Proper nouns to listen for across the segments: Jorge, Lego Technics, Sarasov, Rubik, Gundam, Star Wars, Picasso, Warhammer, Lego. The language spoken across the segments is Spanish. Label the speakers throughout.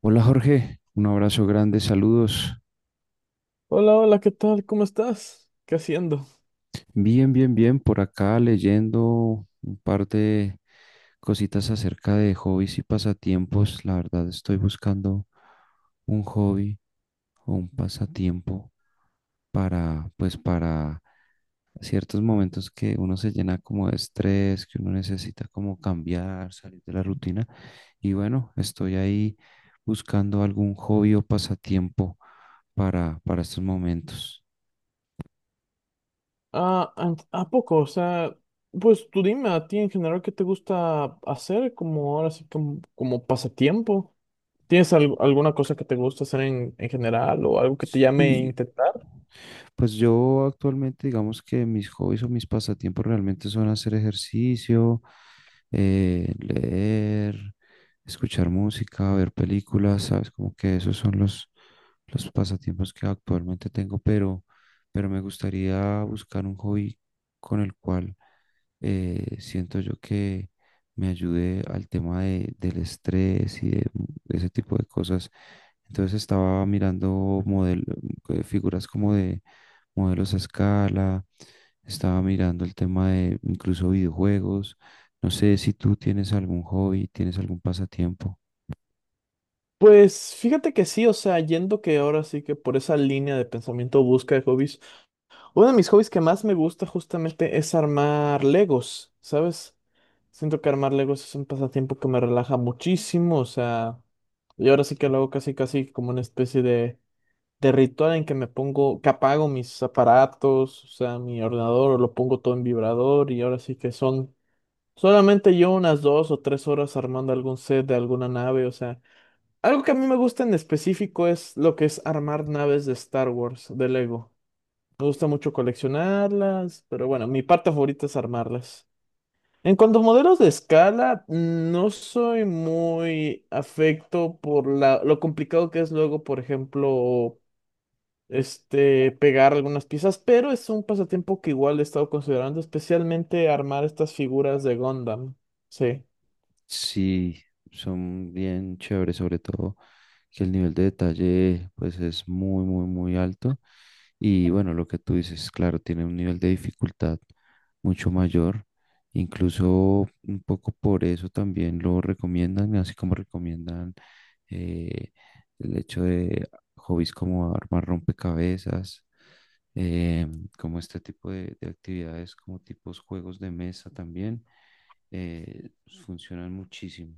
Speaker 1: Hola Jorge, un abrazo grande, saludos.
Speaker 2: Hola, hola, ¿qué tal? ¿Cómo estás? ¿Qué haciendo?
Speaker 1: Bien, bien, bien, por acá leyendo un par de cositas acerca de hobbies y pasatiempos. La verdad estoy buscando un hobby o un pasatiempo para, pues para ciertos momentos que uno se llena como de estrés, que uno necesita como cambiar, salir de la rutina. Y bueno, estoy ahí buscando algún hobby o pasatiempo para estos momentos.
Speaker 2: Ah, ¿a poco? O sea, pues tú dime a ti en general qué te gusta hacer como ahora sí como pasatiempo. ¿Tienes alguna cosa que te gusta hacer en general o algo que te llame a
Speaker 1: Sí,
Speaker 2: intentar?
Speaker 1: pues yo actualmente digamos que mis hobbies o mis pasatiempos realmente son hacer ejercicio, leer, escuchar música, ver películas, ¿sabes? Como que esos son los pasatiempos que actualmente tengo, pero me gustaría buscar un hobby con el cual siento yo que me ayude al tema del estrés y de ese tipo de cosas. Entonces estaba mirando figuras como de modelos a escala, estaba mirando el tema de incluso videojuegos. No sé si tú tienes algún hobby, tienes algún pasatiempo.
Speaker 2: Pues fíjate que sí, o sea, yendo que ahora sí que por esa línea de pensamiento busca de hobbies. Uno de mis hobbies que más me gusta justamente es armar Legos, ¿sabes? Siento que armar Legos es un pasatiempo que me relaja muchísimo, o sea, y ahora sí que lo hago casi casi como una especie de ritual en que me pongo, que apago mis aparatos, o sea, mi ordenador, o lo pongo todo en vibrador y ahora sí que son solamente yo unas 2 o 3 horas armando algún set de alguna nave, o sea, algo que a mí me gusta en específico es lo que es armar naves de Star Wars, de Lego. Me gusta mucho coleccionarlas, pero bueno, mi parte favorita es armarlas. En cuanto a modelos de escala, no soy muy afecto por la, lo complicado que es luego, por ejemplo, pegar algunas piezas, pero es un pasatiempo que igual he estado considerando, especialmente armar estas figuras de Gundam. Sí.
Speaker 1: Sí, son bien chéveres, sobre todo que el nivel de detalle pues es muy, muy, muy alto. Y bueno, lo que tú dices, claro, tiene un nivel de dificultad mucho mayor. Incluso un poco por eso también lo recomiendan, así como recomiendan eh, el hecho de hobbies como armar rompecabezas eh, como este tipo de actividades, como tipos juegos de mesa también, pues, funcionan muchísimo.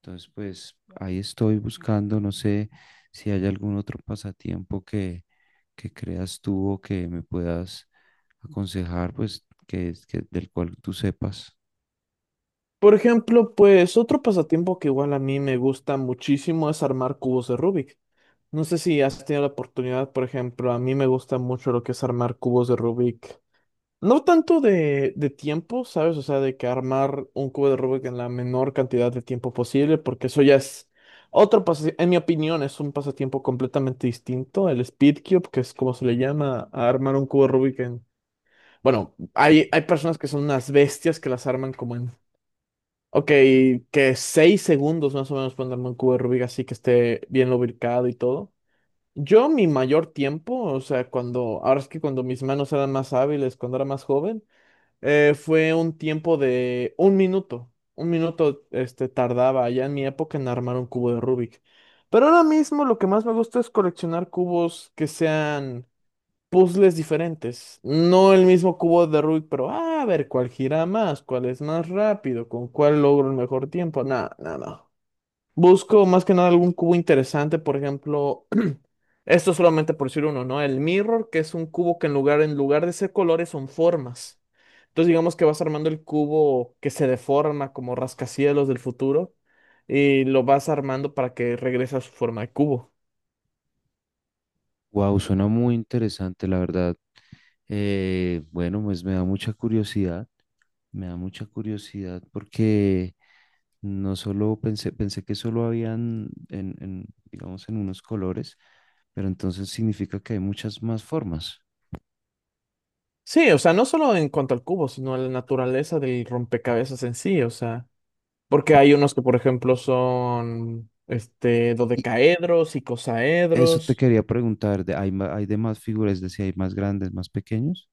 Speaker 1: Entonces, pues ahí estoy buscando, no sé si hay algún otro pasatiempo que creas tú o que me puedas aconsejar, pues que del cual tú sepas.
Speaker 2: Por ejemplo, pues otro pasatiempo que igual a mí me gusta muchísimo es armar cubos de Rubik. No sé si has tenido la oportunidad, por ejemplo, a mí me gusta mucho lo que es armar cubos de Rubik. No tanto de tiempo, ¿sabes? O sea, de que armar un cubo de Rubik en la menor cantidad de tiempo posible, porque eso ya es otro pasatiempo, en mi opinión, es un pasatiempo completamente distinto. El speed cube, que es como se le llama a armar un cubo de Rubik en... Bueno, hay personas que son unas bestias que las arman como en... Ok, que 6 segundos más o menos pueden armar un cubo de Rubik así que esté bien lubricado y todo. Yo mi mayor tiempo, o sea, cuando, ahora es que cuando mis manos eran más hábiles, cuando era más joven, fue un tiempo de 1 minuto. 1 minuto, tardaba ya en mi época en armar un cubo de Rubik. Pero ahora mismo lo que más me gusta es coleccionar cubos que sean puzzles diferentes. No el mismo cubo de Rubik, pero ah, a ver cuál gira más, cuál es más rápido, con cuál logro el mejor tiempo. Nada, nada. Busco más que nada algún cubo interesante, por ejemplo, esto solamente por decir uno, ¿no? El mirror, que es un cubo que en lugar de ser colores son formas. Entonces digamos que vas armando el cubo que se deforma como rascacielos del futuro y lo vas armando para que regrese a su forma de cubo.
Speaker 1: Wow, suena muy interesante, la verdad. Bueno, pues me da mucha curiosidad, me da mucha curiosidad porque no solo pensé que solo habían en, digamos, en unos colores, pero entonces significa que hay muchas más formas.
Speaker 2: Sí, o sea, no solo en cuanto al cubo, sino a la naturaleza del rompecabezas en sí, o sea, porque hay unos que, por ejemplo, son
Speaker 1: Y
Speaker 2: dodecaedros,
Speaker 1: eso te
Speaker 2: icosaedros.
Speaker 1: quería preguntar, de, hay de más figuras?, es decir, ¿hay más grandes, más pequeños?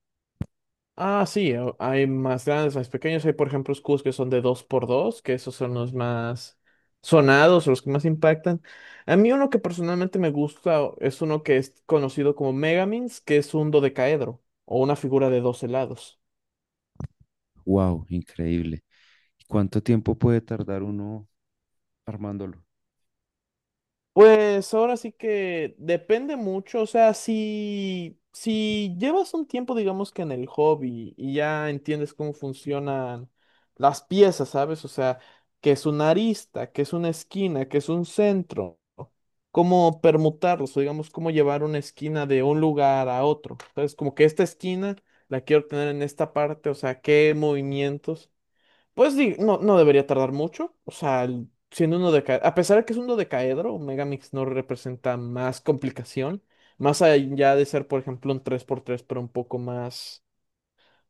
Speaker 2: Ah, sí, hay más grandes, más pequeños. Hay, por ejemplo, escudos que son de 2x2, que esos son los más sonados, los que más impactan. A mí uno que personalmente me gusta es uno que es conocido como Megamins, que es un dodecaedro o una figura de 12 lados.
Speaker 1: ¡Wow! ¡Increíble! ¿Y cuánto tiempo puede tardar uno armándolo?
Speaker 2: Pues ahora sí que depende mucho, o sea, si llevas un tiempo, digamos que en el hobby y ya entiendes cómo funcionan las piezas, ¿sabes? O sea, que es una arista, que es una esquina, que es un centro, cómo permutarlos, o digamos, cómo llevar una esquina de un lugar a otro, ¿sabes? Como que esta esquina la quiero tener en esta parte, o sea, qué movimientos. Pues no, no debería tardar mucho. O sea, siendo uno de a pesar de que es un dodecaedro, Megamix no representa más complicación. Más allá de ser, por ejemplo, un 3x3 pero un poco más,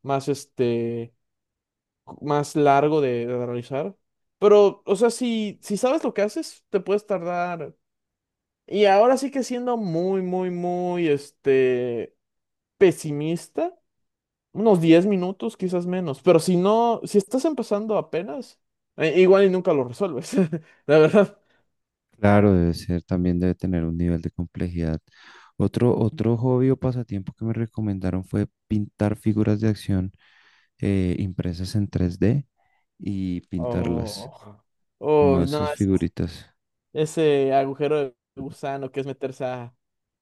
Speaker 2: más este, más largo de realizar. Pero, o sea, si sabes lo que haces, te puedes tardar. Y ahora sí que siendo muy, muy, muy, pesimista. Unos 10 minutos, quizás menos. Pero si no, si estás empezando apenas, igual y nunca lo resuelves, la verdad.
Speaker 1: Claro, debe ser, también debe tener un nivel de complejidad. Otro hobby o pasatiempo que me recomendaron fue pintar figuras de acción impresas en 3D y pintarlas.
Speaker 2: Oh,
Speaker 1: Como
Speaker 2: oh, no,
Speaker 1: esas figuritas.
Speaker 2: ese agujero de gusano que es meterse a...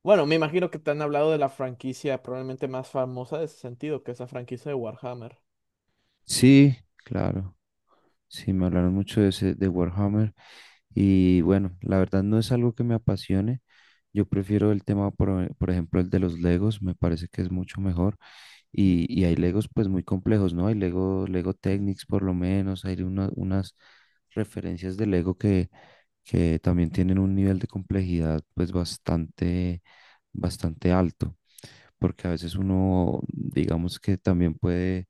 Speaker 2: Bueno, me imagino que te han hablado de la franquicia probablemente más famosa de ese sentido, que es la franquicia de Warhammer.
Speaker 1: Sí, claro. Sí, me hablaron mucho de ese, de Warhammer. Y bueno, la verdad no es algo que me apasione. Yo prefiero el tema, por ejemplo, el de los Legos, me parece que es mucho mejor. Y y hay Legos pues muy complejos, ¿no? Hay Lego, Lego Technics por lo menos, hay unas referencias de Lego que también tienen un nivel de complejidad pues bastante, bastante alto, porque a veces uno, digamos que también puede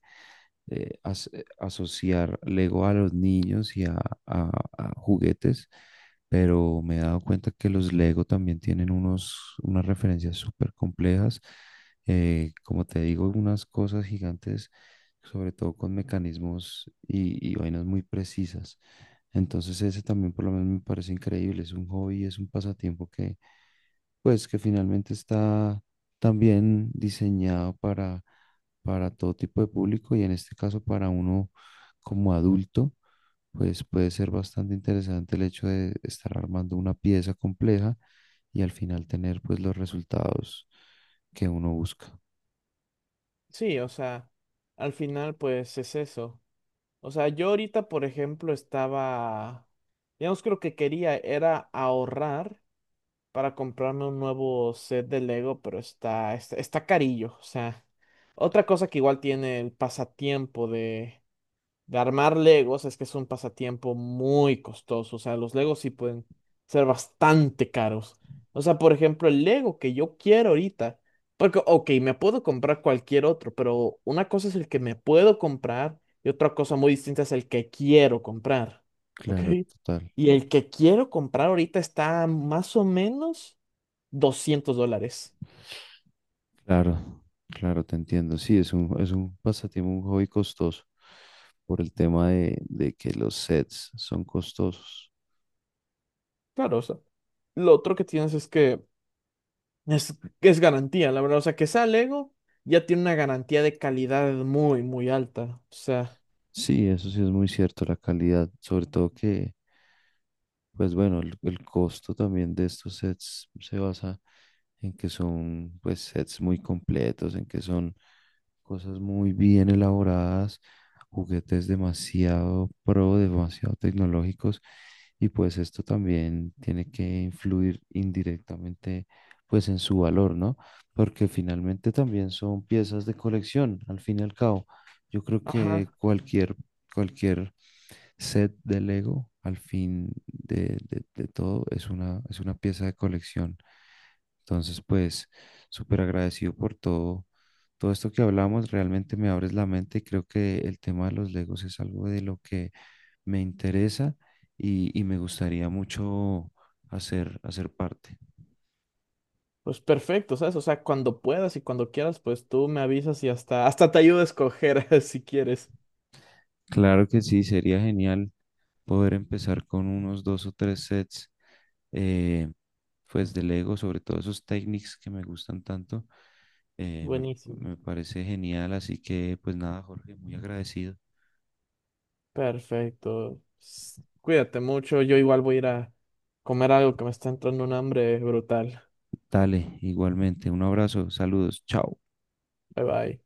Speaker 1: asociar Lego a los niños y a- a juguetes, pero me he dado cuenta que los Lego también tienen unas referencias súper complejas, como te digo, unas cosas gigantes, sobre todo con mecanismos y y vainas muy precisas. Entonces ese también por lo menos me parece increíble, es un hobby, es un pasatiempo que pues que finalmente está también diseñado para todo tipo de público y en este caso para uno como adulto, pues puede ser bastante interesante el hecho de estar armando una pieza compleja y al final tener pues los resultados que uno busca.
Speaker 2: Sí, o sea, al final pues es eso. O sea, yo ahorita, por ejemplo, estaba... Digamos que lo que quería era ahorrar para comprarme un nuevo set de Lego, pero está carillo. O sea, otra cosa que igual tiene el pasatiempo de armar Legos es que es un pasatiempo muy costoso. O sea, los Legos sí pueden ser bastante caros. O sea, por ejemplo, el Lego que yo quiero ahorita, porque, ok, me puedo comprar cualquier otro, pero una cosa es el que me puedo comprar y otra cosa muy distinta es el que quiero comprar. ¿Ok?
Speaker 1: Claro, total,
Speaker 2: Y el que quiero comprar ahorita está más o menos $200.
Speaker 1: claro, claro, te entiendo. Sí, es es un pasatiempo, un hobby costoso por el tema de que los sets son costosos.
Speaker 2: Claro, o sea, lo otro que tienes es que es, es garantía, la verdad. O sea, que sea Lego ya tiene una garantía de calidad muy, muy alta. O sea,
Speaker 1: Sí, eso sí es muy cierto, la calidad, sobre todo que... Pues bueno, el costo también de estos sets se basa en que son pues sets muy completos, en que son cosas muy bien elaboradas, juguetes demasiado demasiado tecnológicos y pues esto también tiene que influir indirectamente pues en su valor, ¿no? Porque finalmente también son piezas de colección, al fin y al cabo. Yo creo que
Speaker 2: ajá,
Speaker 1: cualquier, cualquier set de Lego al fin de todo es una pieza de colección. Entonces, pues, súper agradecido por todo, todo esto que hablamos. Realmente me abres la mente y creo que el tema de los Legos es algo de lo que me interesa y y me gustaría mucho hacer parte.
Speaker 2: pues perfecto, ¿sabes? O sea, cuando puedas y cuando quieras, pues tú me avisas y hasta te ayudo a escoger si quieres.
Speaker 1: Claro que sí, sería genial poder empezar con unos dos o tres sets, eh, pues de Lego, sobre todo esos technics que me gustan tanto, eh, me,
Speaker 2: Buenísimo.
Speaker 1: me parece genial. Así que, pues nada, Jorge, muy agradecido.
Speaker 2: Perfecto. Cuídate mucho. Yo igual voy a ir a comer algo que me está entrando un hambre brutal.
Speaker 1: Dale, igualmente, un abrazo, saludos, chao.
Speaker 2: Bye bye.